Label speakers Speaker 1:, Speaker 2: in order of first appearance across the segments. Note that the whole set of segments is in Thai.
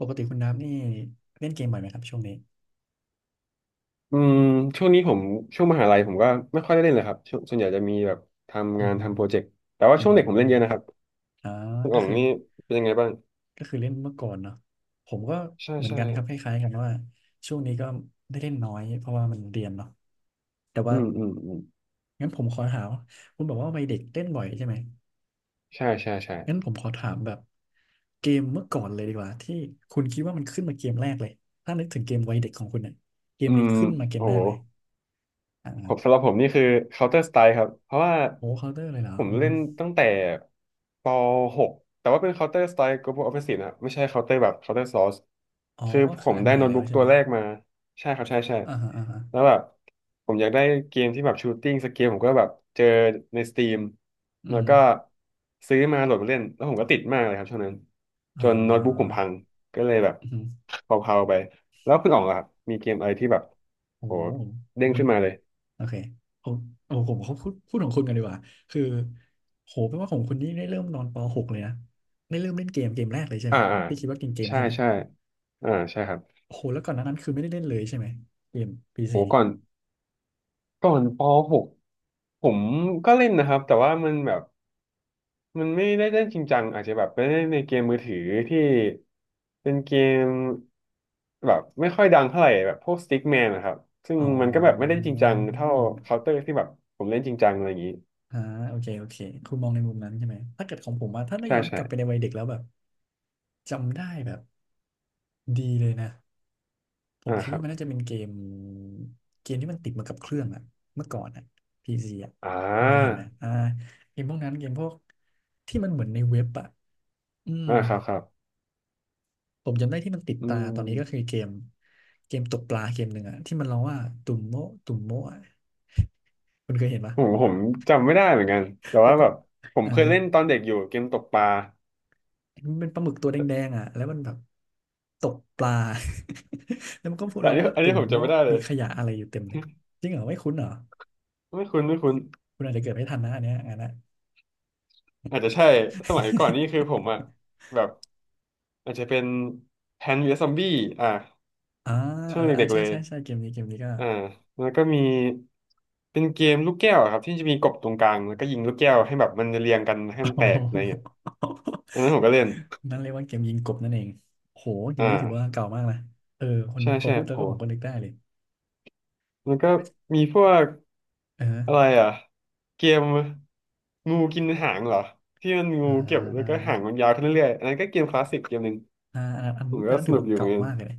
Speaker 1: ปกติคุณน้ำนี่เล่นเกมบ่อยไหมครับช่วงนี้
Speaker 2: อืมช่วงนี้ผมช่วงมหาลัยผมก็ไม่ค่อยได้เล่นเลยครับช่วงส่วนใหญ่จะมีแบบทำ
Speaker 1: อื
Speaker 2: งา
Speaker 1: อ
Speaker 2: น
Speaker 1: ฮึ
Speaker 2: ทำโปรเจกต์แต่ว่า
Speaker 1: อื
Speaker 2: ช่วงเด็กผมเล่นเย
Speaker 1: ม
Speaker 2: อะนะครับ
Speaker 1: อ่า
Speaker 2: คุณ
Speaker 1: ก็
Speaker 2: อ๋อง
Speaker 1: คือ
Speaker 2: นี่เป็นยังไงบ้าง
Speaker 1: เล่นเมื่อก่อนเนาะผมก็
Speaker 2: ใช่
Speaker 1: เหมือน
Speaker 2: ใช่
Speaker 1: กันครับคล้ายๆกันว่าช่วงนี้ก็ได้เล่นน้อยเพราะว่ามันเรียนเนาะแต่
Speaker 2: อื
Speaker 1: ว่า
Speaker 2: มอืมอืม
Speaker 1: งั้นผมขอถามคุณบอกว่าวัยเด็กเล่นบ่อยใช่ไหม
Speaker 2: ใช่ใช่ใช่
Speaker 1: งั้นผมขอถามแบบเกมเมื่อก่อนเลยดีกว่าที่คุณคิดว่ามันขึ้นมาเกมแรกเลยถ้านึกถึงเกมวัยเด็กของคุณเนี่ยเกม
Speaker 2: อื
Speaker 1: นี้
Speaker 2: ม
Speaker 1: ขึ้นมาเกม
Speaker 2: โห
Speaker 1: แรกเลย
Speaker 2: ผม
Speaker 1: อ่า
Speaker 2: สำหรับผมนี่คือ Counter Strike ครับเพราะว่า
Speaker 1: โอ้เคาน์เตอร์เลยเหรอ
Speaker 2: ผม
Speaker 1: อือ
Speaker 2: เล่
Speaker 1: ฮึ
Speaker 2: นตั้งแต่ป .6 แต่ว่าเป็น Counter Strike Global Offensive นะครับไม่ใช่ Counter แบบ Counter Source
Speaker 1: อ๋อ
Speaker 2: คือ
Speaker 1: ก็
Speaker 2: ผ
Speaker 1: คือ
Speaker 2: ม
Speaker 1: อัน
Speaker 2: ได้
Speaker 1: ใหม่
Speaker 2: โน้ต
Speaker 1: แล้ว
Speaker 2: บุ๊ก
Speaker 1: ใช่
Speaker 2: ตั
Speaker 1: ไห
Speaker 2: ว
Speaker 1: ม
Speaker 2: แรกมาใช่ครับใช่ใช่
Speaker 1: อ่าฮะอ่าฮะ
Speaker 2: แล้วแบบผมอยากได้เกมที่แบบ Shooting สเกลผมก็แบบเจอใน Steam
Speaker 1: อื
Speaker 2: แล้ว
Speaker 1: ม
Speaker 2: ก็ซื้อมาโหลดมาเล่นแล้วผมก็ติดมากเลยครับช่วงนั้นจ
Speaker 1: อ่
Speaker 2: นโน้ตบุ๊กผม
Speaker 1: า
Speaker 2: พังก็เลยแบบ
Speaker 1: อืม
Speaker 2: เผาๆไปแล้วคุณอ๋องล่ะครับมีเกมอะไรที่แบบ
Speaker 1: โอ้
Speaker 2: โหเด้ง
Speaker 1: อืม
Speaker 2: ขึ้นมาเลย
Speaker 1: โอเคผมโอ้ผมเขาพูดพูดของคุณกันดีกว่า คือโหแปลว่าของคุณนี่ได้เริ่มนอนปหกเลยนะได้เริ่มเล่นเกมแรกเลยใช่ไหม
Speaker 2: อ่าอ่า
Speaker 1: ที่คิดว่าเกม
Speaker 2: ใช่
Speaker 1: ใช่ไหม
Speaker 2: ใช่อ่าใช่ครับ
Speaker 1: โอหแล้วก่อนหน้านั้นคือไม่ได้เล่นเลยใช่ไหม เกมพี
Speaker 2: โห
Speaker 1: ซี
Speaker 2: ก่อนป .6 ผมก็เล่นนะครับแต่ว่ามันแบบมันไม่ได้เล่นจริงจังอาจจะแบบไปเล่นในเกมมือถือที่เป็นเกมแบบไม่ค่อยดังเท่าไหร่แบบพวกสติ๊กแมนนะครับซึ่ง
Speaker 1: อ๋อ
Speaker 2: มันก็แบบไม่ได้จริงจังเท่าเคาน์เตอร์ที่แบบผมเล่นจริงจังอะไรอย่างนี้
Speaker 1: อ่าโอเคโอเคคุณมองในมุมนั้นใช่ไหม ถ้าเกิดของผมว่าถ้าได้
Speaker 2: ใช่
Speaker 1: ย้อนก
Speaker 2: ใช่
Speaker 1: ลับไปในวัยเด็กแล้วแบบจำได้แบบดีเลยนะ ผม
Speaker 2: อ่า
Speaker 1: คิด
Speaker 2: ครั
Speaker 1: ว่า
Speaker 2: บ
Speaker 1: มันน่าจะเป็นเกมที่มันติดมากับเครื่องอะเมื่อก่อนอะพีซีอะ
Speaker 2: อ่
Speaker 1: มันเคยเห็น
Speaker 2: า
Speaker 1: ไหมเกมพวกนั้นเกมพวกที่มันเหมือนในเว็บอะอืม
Speaker 2: อ่าครับครับ
Speaker 1: ผมจำได้ที่มันติด
Speaker 2: อื
Speaker 1: ตาตอนนี้ก็คื
Speaker 2: ม
Speaker 1: อเกมตกปลาเกมหนึ่งอะที่มันร้องว่าตุ่มโมะตุ่มโมะอะคุณเคยเห็นปะ
Speaker 2: ผมจำไม่ได้เหมือนกันแต่
Speaker 1: เป็น
Speaker 2: ว่าแบ
Speaker 1: ปะ
Speaker 2: บผม
Speaker 1: อ่า
Speaker 2: เคยเล่นตอนเด็กอยู่เกมตกปลา
Speaker 1: มันเป็นปลาหมึกตัวแดงๆอะแล้วมันแบบตกปลา แล้วมันก็พูด
Speaker 2: แต่
Speaker 1: ร้
Speaker 2: อั
Speaker 1: อ
Speaker 2: น
Speaker 1: ง
Speaker 2: นี้
Speaker 1: ว่า
Speaker 2: อัน
Speaker 1: ตุ่
Speaker 2: นี้
Speaker 1: ม
Speaker 2: ผมจำไม่
Speaker 1: โมะ
Speaker 2: ได้เล
Speaker 1: มี
Speaker 2: ย
Speaker 1: ขยะอะไรอยู่เต็มเลยจริงเหรอไม่คุ้นเหรอ
Speaker 2: ไม่คุ้นไม่คุ้น
Speaker 1: คุณอาจจะเกิดไม่ทันนะอันเนี้ยอันนั้น
Speaker 2: อาจจะใช่สมัยก่อน นี่คือผมอะแบบอาจจะเป็นแพนวีซอมบี้อ่ะ
Speaker 1: อ่า
Speaker 2: ช่
Speaker 1: เอ
Speaker 2: วง
Speaker 1: อ
Speaker 2: เด็กๆ
Speaker 1: ใช่
Speaker 2: เลย
Speaker 1: ใช่ใช่เกมนี้เกมนี้ก็
Speaker 2: อ่า แล้วก็มีเป็นเกมลูกแก้วอะครับที่จะมีกบตรงกลางแล้วก็ยิงลูกแก้วให้แบบมันเรียงกันให้มัน
Speaker 1: โอ้
Speaker 2: แต
Speaker 1: โห
Speaker 2: กอะไรเงี้ยอันนั้นผมก็เล่น
Speaker 1: นั่นเรียกว่าเกมยิงกบนั่นเองโหเกมนี้ถือว่า
Speaker 2: อ่า
Speaker 1: เก่ามากนะเออคน
Speaker 2: ใช่
Speaker 1: นึกพอ
Speaker 2: ใช่
Speaker 1: พูดแล้ว
Speaker 2: โห
Speaker 1: ก็ผมก็นึกได้เลย
Speaker 2: มันก็มีพวก
Speaker 1: เอ
Speaker 2: อะไร
Speaker 1: อ
Speaker 2: อ่ะเกมงูกินหางเหรอที่มันงู
Speaker 1: อ่า
Speaker 2: เก็บแล้ว
Speaker 1: อ่า
Speaker 2: ก็หางมันยาวขึ้นเรื่อยๆอันนั้นก็เกมคลาสสิกเกมหนึ่งผม
Speaker 1: อั
Speaker 2: ก็
Speaker 1: นนั้น
Speaker 2: ส
Speaker 1: ถือ
Speaker 2: นุก
Speaker 1: ว่า
Speaker 2: อยู่เหมือ
Speaker 1: เก่า
Speaker 2: นกัน
Speaker 1: มากเลยนะ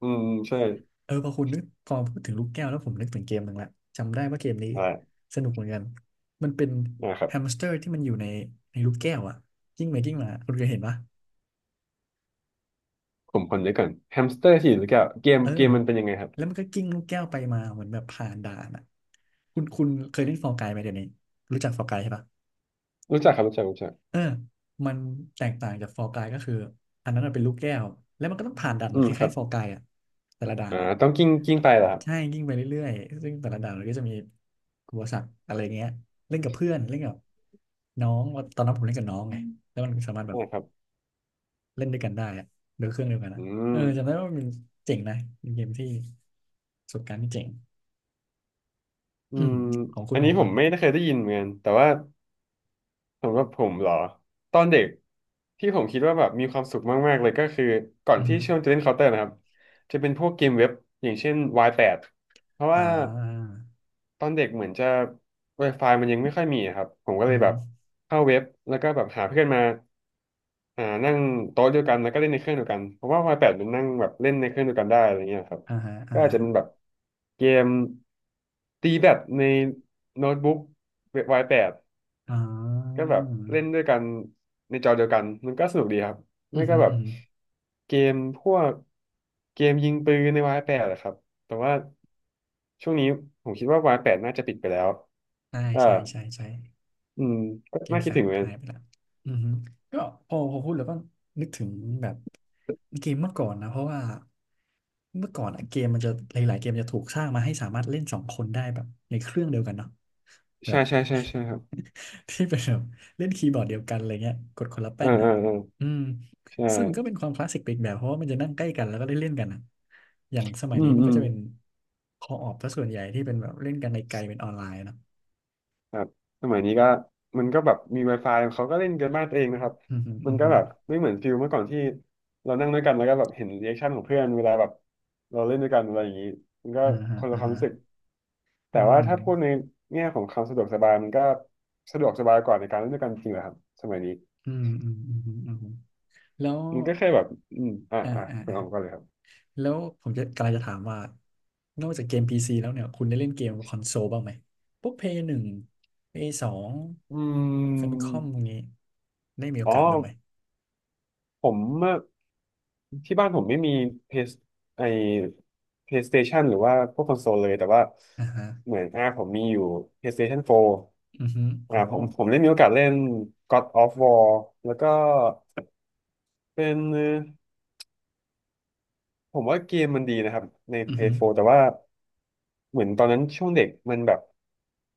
Speaker 2: อืมใช่
Speaker 1: เออพอคุณนึกพอพูดถึงลูกแก้วแล้วผมนึกถึงเกมหนึ่งละจำได้ว่าเกมนี้
Speaker 2: อด้
Speaker 1: สนุกเหมือนกันมันเป็น
Speaker 2: นะครับ
Speaker 1: แฮมสเตอร์ที่มันอยู่ในลูกแก้วอะกิ้งไปกิ้งมาคุณเคยเห็นปะ
Speaker 2: ผมคนเดียวก่อนแฮมสเตอร์ที่อยู่ลูแก้วเกม
Speaker 1: เออ
Speaker 2: เกมมันเป็นยังไงครับ
Speaker 1: แล้วมันก็กิ้งลูกแก้วไปมาเหมือนแบบผ่านด่านอ่ะคุณเคยเล่นฟอร์กายไหมเดี๋ยวนี้รู้จักฟอร์กายใช่ปะ
Speaker 2: รู้จักครับรู้จักรู้จัก
Speaker 1: เออมันแตกต่างจากฟอร์กายก็คืออันนั้นมันเป็นลูกแก้ว แล้วมันก็ต้องผ่านด่านเห
Speaker 2: อื
Speaker 1: มือน
Speaker 2: ม
Speaker 1: ค
Speaker 2: ครั
Speaker 1: ล้าย
Speaker 2: บ
Speaker 1: ๆฟอร์กายอ่ะแต่ละด่าน
Speaker 2: อ่า
Speaker 1: อ่ะ
Speaker 2: ต้องกิ้งไปเหรอครับ
Speaker 1: ใช่ยิ่งไปเรื่อยๆซึ่งแต่ละด่านมันก็จะมีอุปสรรคอะไรเงี้ยเล่นกับเพื่อนเล่นกับน้องว่าตอนนั้นผมเล่นกับน้องไงแล้วมันสามารถแบบ
Speaker 2: นะครับ
Speaker 1: เล่นด้วยกันได้อะโดยเครื่องเดียวกัน
Speaker 2: อื
Speaker 1: นะเอ
Speaker 2: ม
Speaker 1: อจำได้ว่ามันเจ๋งนะเป็นเกมที่ประสบการณ์ที่เจ๋ง
Speaker 2: อื
Speaker 1: อืม
Speaker 2: ม
Speaker 1: ของคุ
Speaker 2: อั
Speaker 1: ณ
Speaker 2: นนี้ผมไม่ได้เคยได้ยินเหมือนกันแต่ว่า สำหรับผมเหรอตอนเด็กที่ผมคิดว่าแบบมีความสุขมากๆเลยก็คือก่อน
Speaker 1: อือห
Speaker 2: ที่ช่วง
Speaker 1: อ
Speaker 2: จะเล่นเคาน์เตอร์นะครับจะเป็นพวกเกมเว็บอย่างเช่นวายแปดเพราะ
Speaker 1: ่
Speaker 2: ว่า
Speaker 1: า
Speaker 2: ตอนเด็กเหมือนจะ Wi-Fi มันยังไม่ค่อยมีอะครับผมก็เล
Speaker 1: อือ
Speaker 2: ยแบ
Speaker 1: ฮึ
Speaker 2: บ
Speaker 1: อ
Speaker 2: เข้าเว็บแล้วก็แบบหาเพื่อนมาอ่านั่งโต๊ะเดียวกันแล้วก็เล่นในเครื่องเดียวกันเพราะว่าวายแปดมันนั่งแบบเล่นในเครื่องเดียวกันได้อะไรเงี้ยครับ
Speaker 1: ่าฮะอ่า
Speaker 2: ก็อาจ
Speaker 1: ฮะ
Speaker 2: จะเป็นแบบเกมตีแบดในโน้ตบุ๊กวายแปด
Speaker 1: อ่
Speaker 2: ก็
Speaker 1: า
Speaker 2: แบบเล่นด้วยกันในจอเดียวกันมันก็สนุกดีครับ
Speaker 1: อื
Speaker 2: ไม่
Speaker 1: อ
Speaker 2: ก็
Speaker 1: ฮึ
Speaker 2: แบ
Speaker 1: อื
Speaker 2: บ
Speaker 1: อฮึ
Speaker 2: เกมพวกเกมยิงปืนในวายแปดอะครับ แต่ว่าช่วงนี้ผมคิดว่าวายแปดน่าจะปิดไปแล้ว
Speaker 1: ใช่
Speaker 2: เออ
Speaker 1: ใช่ใช่ใช่
Speaker 2: อืม ก็
Speaker 1: เกม
Speaker 2: น่าคิ
Speaker 1: แฟ
Speaker 2: ด
Speaker 1: ล
Speaker 2: ถึ
Speaker 1: ช
Speaker 2: งเหมือนกัน
Speaker 1: หายไปละอือฮึก็พอพูดแล้วก็นึกถึงแบบเกมเมื่อก่อนนะเพราะว่าเมื่อก่อนอะเกมมันจะหลายๆเกมจะถูกสร้างมาให้สามารถเล่นสองคนได้แบบในเครื่องเดียวกันเนาะแบ
Speaker 2: ใช่
Speaker 1: บ
Speaker 2: ใช่ใช่ใช่ครับ
Speaker 1: ที่เป็นแบบเล่นคีย์บอร์ดเดียวกันอะไรเงี้ยกดคนละ
Speaker 2: เอ
Speaker 1: แป้
Speaker 2: อ
Speaker 1: น
Speaker 2: เอ
Speaker 1: อ่ะ
Speaker 2: อเออ
Speaker 1: อืม
Speaker 2: ใช่
Speaker 1: ซึ่งมันก็เป็นความคลาสสิกไปอีกแบบเพราะว่ามันจะนั่งใกล้กันแล้วก็ได้เล่นกันอะอย่างสมัย
Speaker 2: อื
Speaker 1: นี้
Speaker 2: ม
Speaker 1: มัน
Speaker 2: อื
Speaker 1: ก็
Speaker 2: ม
Speaker 1: จะเป็นคอออฟซะส่วนใหญ่ที่เป็นแบบเล่นกันในไกลเป็นออนไลน์เนาะ
Speaker 2: ครับสมัยนี้ก็มันก็แบบมี Wi-Fi เขาก็เล่นกันบ้านตัวเองนะครับ
Speaker 1: อืมฮึ
Speaker 2: มั
Speaker 1: อื
Speaker 2: น
Speaker 1: ม
Speaker 2: ก็
Speaker 1: ฮึ
Speaker 2: แบบไม่เหมือนฟิลเมื่อก่อนที่เรานั่งด้วยกันแล้วก็แบบเห็นรีแอคชั่นของเพื่อนเวลาแบบเราเล่นด้วยกันอะไรอย่างนี้มันก็
Speaker 1: อ่าฮะ
Speaker 2: คนละ
Speaker 1: อ่า
Speaker 2: ความ
Speaker 1: ฮะ
Speaker 2: รู้สึก
Speaker 1: อื
Speaker 2: แต่ว่า
Speaker 1: ม
Speaker 2: ถ้าพูดในแง่ของความสะดวกสบายมันก็สะดวกสบายกว่าในการเล่นด้วยกันจริงเหรอครับสมัยนี้
Speaker 1: อืมแล้ว
Speaker 2: มันก็แค่แบบอืมอ่ะ
Speaker 1: อ่า
Speaker 2: อ่ะ
Speaker 1: อ่า
Speaker 2: คุณ
Speaker 1: อ่า
Speaker 2: ออมก็เลยครับ
Speaker 1: แล้วผมกำลังจะถามว่า นอกจากเกม PC แล้วเนี่ย คุณได้เล่นเกมคอนโซลบ้างไหมพวกเพยหนึ่งเพย์สอง
Speaker 2: อื
Speaker 1: ฟมิคอมพวก
Speaker 2: ม
Speaker 1: นี้ ได้มีโอ
Speaker 2: อ๋อ
Speaker 1: กาสบ้างไหม
Speaker 2: ผมเมื่อที่บ้านผมไม่มีเพสไอ PlayStation หรือว่าพวกคอนโซลเลยแต่ว่า
Speaker 1: อ่าฮะ
Speaker 2: เหมือนอ่าผมมีอยู่ PlayStation 4
Speaker 1: อือฮึโห
Speaker 2: อ่าผมได้มีโอกาสเล่น God of War แล้วก็เป็นผมว่าเกมมันดีนะครับใน
Speaker 1: อือฮึ
Speaker 2: Play 4แต่ว่าเหมือนตอนนั้นช่วงเด็กมันแบบ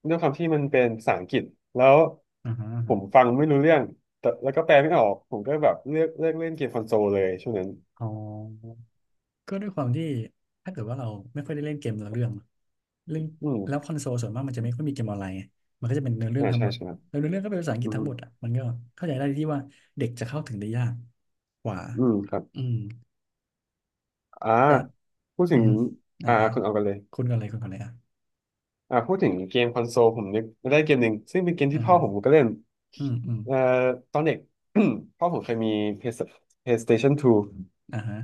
Speaker 2: ด้วยความที่มันเป็นภาษาอังกฤษแล้ว
Speaker 1: อ่าฮะอ่า
Speaker 2: ผ
Speaker 1: ฮะ
Speaker 2: มฟังไม่รู้เรื่องแต่แล้วก็แปลไม่ออกผมก็แบบเลือกเล่นเกมคอนโซลเลยช่วงนั้น
Speaker 1: อ๋อ ก็ด้วยความที่ถ้าเกิดว่าเราไม่ค่อยได้เล่นเกมเนื้อเรื่องเล่น
Speaker 2: อื
Speaker 1: แล้วค
Speaker 2: ม
Speaker 1: อนโซลส่วนมากมันจะไม่ค่อยมีเกมออนไลน์ไงมันก็จะเป็นเนื้อเรื่อ
Speaker 2: อ่า
Speaker 1: งทั้งห
Speaker 2: ใช่
Speaker 1: มด
Speaker 2: ใช่ครับ
Speaker 1: แล้วเนื้อเรื่องก็เป็นภาษาอังก
Speaker 2: อื
Speaker 1: ฤษ
Speaker 2: ม
Speaker 1: ทั้งหมดอ่ะมันก็เข้าใจได้ที่ว่าเด็กจะเข้าถึงได้ยากกว่า
Speaker 2: อืมครับ
Speaker 1: อืม
Speaker 2: อ่า
Speaker 1: แต่
Speaker 2: พูด
Speaker 1: อื
Speaker 2: ถึ
Speaker 1: อ
Speaker 2: ง
Speaker 1: ฮึอ่า
Speaker 2: อ่า
Speaker 1: อ่า
Speaker 2: คุณเอากันเลย
Speaker 1: คุณก่อนเลยอ่ะ
Speaker 2: อ่าพูดถึงเกมคอนโซลผมนึกได้เกมหนึ่งซึ่งเป็นเกม
Speaker 1: อ่า
Speaker 2: ที่พ่อ
Speaker 1: ฮะ
Speaker 2: ผมก็เล่น
Speaker 1: อืมอืม
Speaker 2: เอ่อตอนเด็ก พ่อผมเคยมี PS- PlayStation 2
Speaker 1: อ่าฮะ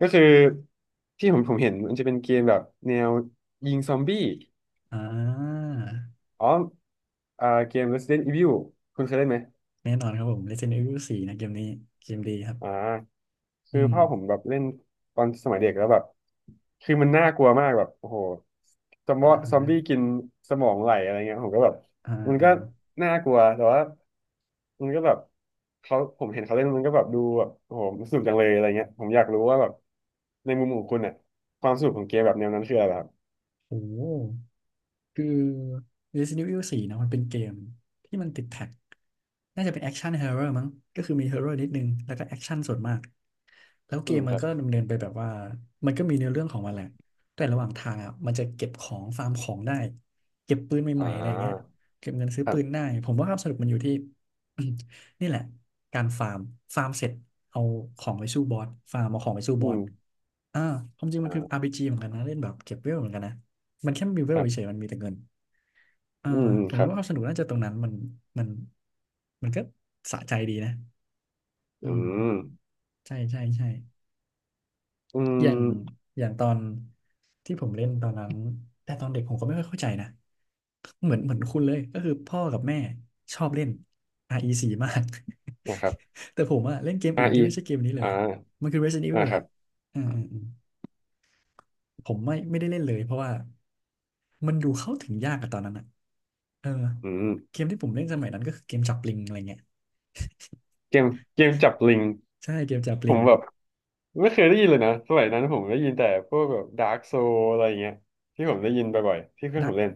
Speaker 2: ก็คือที่ผมเห็นมันจะเป็นเกมแบบแนวยิงซอมบี้
Speaker 1: อ่า
Speaker 2: อ๋ออ่าเกม Resident Evil คุณเคยเล่นไหม
Speaker 1: แน่นอนครับผม Resident Evil สี่นะเกมนี้เกมดีครับ
Speaker 2: อ่า
Speaker 1: อื
Speaker 2: คือ
Speaker 1: ม
Speaker 2: พ่อผมแบบเล่นตอนสมัยเด็กแล้วแบบคือมันน่ากลัวมากแบบโอ้โห
Speaker 1: อ่าฮะ
Speaker 2: ซอมบี้กินสมองไหลอะไรเงี้ยผมก็แบบ
Speaker 1: อ่า
Speaker 2: มัน
Speaker 1: อ่า
Speaker 2: ก็น่ากลัวแต่ว่ามันก็แบบเขาผมเห็นเขาเล่นมันก็แบบดูแบบโอ้โหมันสนุกจังเลยอะไรเงี้ยผมอยากรู้ว่าแบบในมุมของคุณเนี่ยความสนุกของเกมแบบแนวนั้นคืออะไรครับ
Speaker 1: โอ้ คือ Resident Evil 4เนอะมันเป็นเกมที่มันติดแท็กน่าจะเป็นแอคชั่นฮ ร์เรมั้ง.ก็คือมีฮอร์เรนิดนึงแล้วก็แอคชั่นส่วนมากแล้วเก
Speaker 2: อืม
Speaker 1: มมั
Speaker 2: ค
Speaker 1: น
Speaker 2: รับ
Speaker 1: ก็ดำเนินไปแบบว่ามันก็มีเนื้อเรื่องของมันแหละแต่ระหว่างทางอ่ะมันจะเก็บของฟาร์มของได้เก็บปืน
Speaker 2: อ่
Speaker 1: ใหม่ๆอะไรอย่างเงี้ย
Speaker 2: า
Speaker 1: เก็บเงินซื้อ
Speaker 2: ครั
Speaker 1: ปืนได้
Speaker 2: บ
Speaker 1: ผมว่าความสนุกมันอยู่ที่ นี่แหละการฟาร์มฟาร์มเสร็จเอาของไปสู้บอสฟาร์มเอาของไปสู้
Speaker 2: อื
Speaker 1: บอส
Speaker 2: ม
Speaker 1: อ่าความจริงมั
Speaker 2: อ่
Speaker 1: นคืออา
Speaker 2: า
Speaker 1: ร์พีจีเหมือนกันนะเล่นแบบเก็บเวลเหมือนกันนะ มันแค่มีเว
Speaker 2: ค
Speaker 1: ล
Speaker 2: รั
Speaker 1: เฉ
Speaker 2: บ
Speaker 1: ยๆมันมีแต่เงินอ่า
Speaker 2: อืมอืม
Speaker 1: ผม
Speaker 2: ครับ
Speaker 1: ว่าความสนุกน่าจะตรงนั้นมันมันก็สะใจดีนะอื
Speaker 2: อื
Speaker 1: ม
Speaker 2: ม
Speaker 1: ใช่ใช่ใช่
Speaker 2: อื
Speaker 1: อ
Speaker 2: ม
Speaker 1: ย่างอย่างตอนที่ผมเล่นตอนนั้นแต่ตอนเด็กผมก็ไม่ค่อยเข้าใจนะเหมือนคุณเลยก็คือพ่อกับแม่ชอบเล่น RE4 มาก
Speaker 2: นะครับ
Speaker 1: แต่ผมอะเล่นเกมอื่น
Speaker 2: R
Speaker 1: ที่
Speaker 2: E
Speaker 1: ไม่ใช่เกมนี้เล
Speaker 2: ออ่
Speaker 1: ย
Speaker 2: า
Speaker 1: มันคือ Resident
Speaker 2: อ่า
Speaker 1: Evil
Speaker 2: ค
Speaker 1: แห
Speaker 2: รั
Speaker 1: ละ
Speaker 2: บ
Speaker 1: อืมอืมอืม ผมไม่ได้เล่นเลยเพราะว่ามันดูเข้าถึงยากอะตอนนั้นอะเออ
Speaker 2: อื
Speaker 1: เก
Speaker 2: ม
Speaker 1: มที่ผมเล่นสมัยนั้นก็คือเกมจับปลิงอะไรเงี้ย
Speaker 2: เกมเกมจับลิง
Speaker 1: ใช่เกมจับป
Speaker 2: ผ
Speaker 1: ลิง
Speaker 2: มแบบไม่เคยได้ยินเลยนะสมัยนั้นผมได้ยินแต่พวกแบบดาร์กโซอะไรอย่างเงี้ยที่ผมได้ยินบ่อยๆที่เพื่อ
Speaker 1: ดั
Speaker 2: นผ
Speaker 1: ก
Speaker 2: มเล่น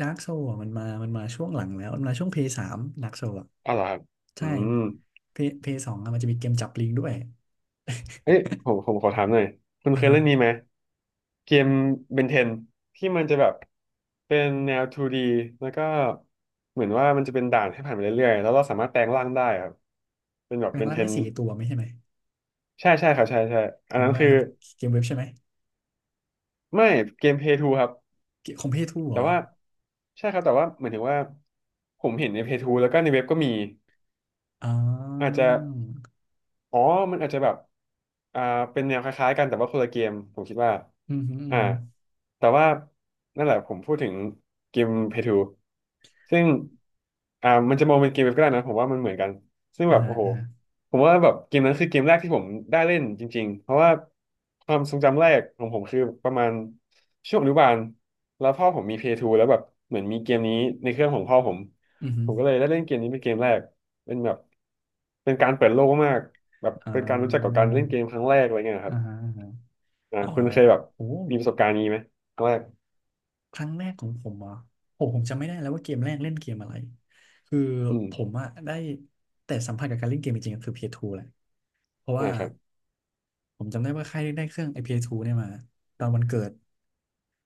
Speaker 1: ดักโซะมันมาช่วงหลังแล้วมันมาช่วงเพย์สามดักโซะ
Speaker 2: อ๋อเหรอครับอื
Speaker 1: ใช่
Speaker 2: ม
Speaker 1: เพย์สองมันจะมีเกมจับปลิงด้วย
Speaker 2: เอ้ยผมขอถามหน่อยคุณ
Speaker 1: อ่า
Speaker 2: เคย
Speaker 1: ฮะ
Speaker 2: เล่นนี้ไหมเกมเบนเทนที่มันจะแบบเป็นแนว 2D แล้วก็เหมือนว่ามันจะเป็นด่านให้ผ่านไปเรื่อยๆแล้วเราสามารถแปลงร่างได้ครับเป็นแบบ
Speaker 1: แร
Speaker 2: เบ
Speaker 1: ง
Speaker 2: น
Speaker 1: ล่า
Speaker 2: เท
Speaker 1: งได้
Speaker 2: น
Speaker 1: สี่ตัวไม่ใช่ไหม
Speaker 2: ใช่ใช่ครับใช่ใช่อันนั้
Speaker 1: จำ
Speaker 2: น
Speaker 1: ได้
Speaker 2: คือ
Speaker 1: ครับเกมเว็บใช่ไหม
Speaker 2: ไม่เกมเพย์ทูครับ
Speaker 1: เกมของเพย์ทูเหร
Speaker 2: แต่
Speaker 1: อ
Speaker 2: ว่าใช่ครับแต่ว่าเหมือนถึงว่าผมเห็นในเพจทูแล้วก็ในเว็บก็มี
Speaker 1: อ๋อ
Speaker 2: อาจจะ อ๋อมันอาจจะแบบอ่าเป็นแนวคล้ายๆกันแต่ว่าคนละเกมผมคิดว่า
Speaker 1: อือฮึอือ
Speaker 2: อ่า
Speaker 1: ฮึ
Speaker 2: แต่ว่านั่นแหละผมพูดถึงเกมเพทูซึ่งมันจะมองเป็นเกมเว็บก็ได้นะผมว่ามันเหมือนกันซึ่ง
Speaker 1: อ่า
Speaker 2: แบบ
Speaker 1: ฮะ
Speaker 2: โอ้โห
Speaker 1: อ่าฮะ
Speaker 2: ผมว่าแบบเกมนั้นคือเกมแรกที่ผมได้เล่นจริงๆเพราะว่าความทรงจำแรกของผมคือประมาณช่วงอนุบาลแล้วพ่อผมมีเพย์ทูแล้วแบบเหมือนมีเกมนี้ในเครื่องของพ่อผม
Speaker 1: อือฮึ
Speaker 2: ผมก็เลยได้เล่นเกมนี้เป็นเกมแรก เป็นแบบเป็นการเปิดโลกมาก แบบ
Speaker 1: อ่
Speaker 2: เป็นการรู้จักกับ
Speaker 1: า
Speaker 2: การเล่นเกมครั้งแรกอะไรเงี้ยค
Speaker 1: อ่า
Speaker 2: รับ
Speaker 1: ฮะ อ๋อ
Speaker 2: คุณเคยแบบ
Speaker 1: โอ้
Speaker 2: มีประสบการณ์นี้ไหมครั้งแรก
Speaker 1: ครั้งแรกของผมเหรอ่ะโอ้ผมจำไม่ได้แล้วว่าเกมแรกเล่นเกมอะไร คือ
Speaker 2: อืม
Speaker 1: ผมอะได้แต่สัมผัสกับการเล่นเกมจริงๆก็คือ p ทูแหละเพราะ
Speaker 2: อ่า
Speaker 1: ว่า
Speaker 2: ครับ
Speaker 1: ผมจำได้ว่าค่ายได้เครื่องไอ s 2เอสทูเนี่ยมาตอนวันเกิด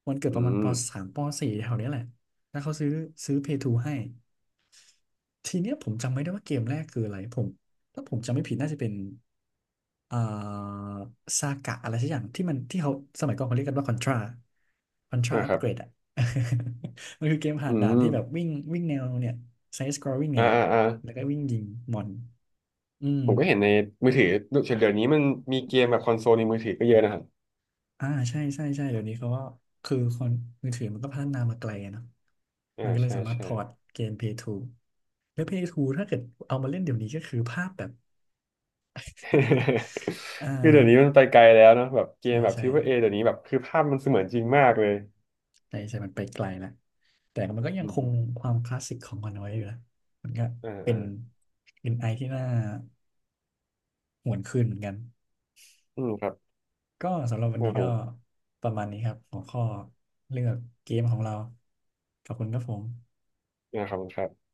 Speaker 1: วันเกิด
Speaker 2: อื
Speaker 1: ประมาณป
Speaker 2: ม
Speaker 1: สามปสี่แถวเนี้ยแหละแล้วเขาซื้อพีเพ์ s ูให้ ทีเนี้ยผมจำไม่ได้ว่าเกมแรกคืออะไรผมถ้าผมจำไม่ผิดน่าจะเป็นอ่าซากะอะไรสักอย่างที่มันที่เขาสมัยก่อนเขาเรียกกันว่าคอนทราคอนทรา
Speaker 2: อ่า
Speaker 1: อั
Speaker 2: ค
Speaker 1: ป
Speaker 2: รั
Speaker 1: เก
Speaker 2: บ
Speaker 1: รดอ่ะ มันคือเกม
Speaker 2: อื
Speaker 1: ผ่านด่าน
Speaker 2: ม
Speaker 1: ที่แบบวิ่งวิ่งแนวเนี่ยไซส์สครอลลิ่งเนี่
Speaker 2: อ่า
Speaker 1: ยแหละ
Speaker 2: อ่าอ่า
Speaker 1: แล้วก็วิ่งยิงมอนอืม
Speaker 2: ผมก็เห็นในมือถือเดี๋ยวนี้มันมีเกมแบบคอนโซลในมือถือก็เยอะนะครับ
Speaker 1: อ่าใช่ใช่ใช่เดี๋ยวนี้เขาก็คือคนมือถือมันก็พัฒนามาไกลอะเนาะ
Speaker 2: อ่า
Speaker 1: มันก็เลย
Speaker 2: ใช่
Speaker 1: สามารถพ
Speaker 2: ใช่
Speaker 1: อร์ตเกมพ l a y แล้วพ l a y ถ้าเกิดเอามาเล่นเดี๋ยวนี้ก็คือภาพแบบ อ่า
Speaker 2: คือเดี๋ยวนี้มันไปไกลแล้วเนอะแบบเก
Speaker 1: ใช่
Speaker 2: มแบบท
Speaker 1: ใช่
Speaker 2: ริปเปิ้ลเอเดี๋ยวนี้แบบคือภาพมันเสมือนจริงมากเลย
Speaker 1: ใช่ มันไปไกลแล้วแต่มันก็ยัง
Speaker 2: อืม
Speaker 1: ค
Speaker 2: อ
Speaker 1: ง
Speaker 2: ม
Speaker 1: ความคลาสสิกของมันไว้อยู่นะมันก็
Speaker 2: อ่า
Speaker 1: เป็
Speaker 2: อ่า
Speaker 1: นเป็นไอที่น่าหวนคืนเหมือนกัน
Speaker 2: อืมครับ
Speaker 1: ก็สำหรับวัน
Speaker 2: อ่า
Speaker 1: นี้
Speaker 2: ผ
Speaker 1: ก็
Speaker 2: ม
Speaker 1: ประมาณนี้ครับหัวข้อเลือกเกมของเราขอบคุณครับผม
Speaker 2: อ่าขอบคุณครับ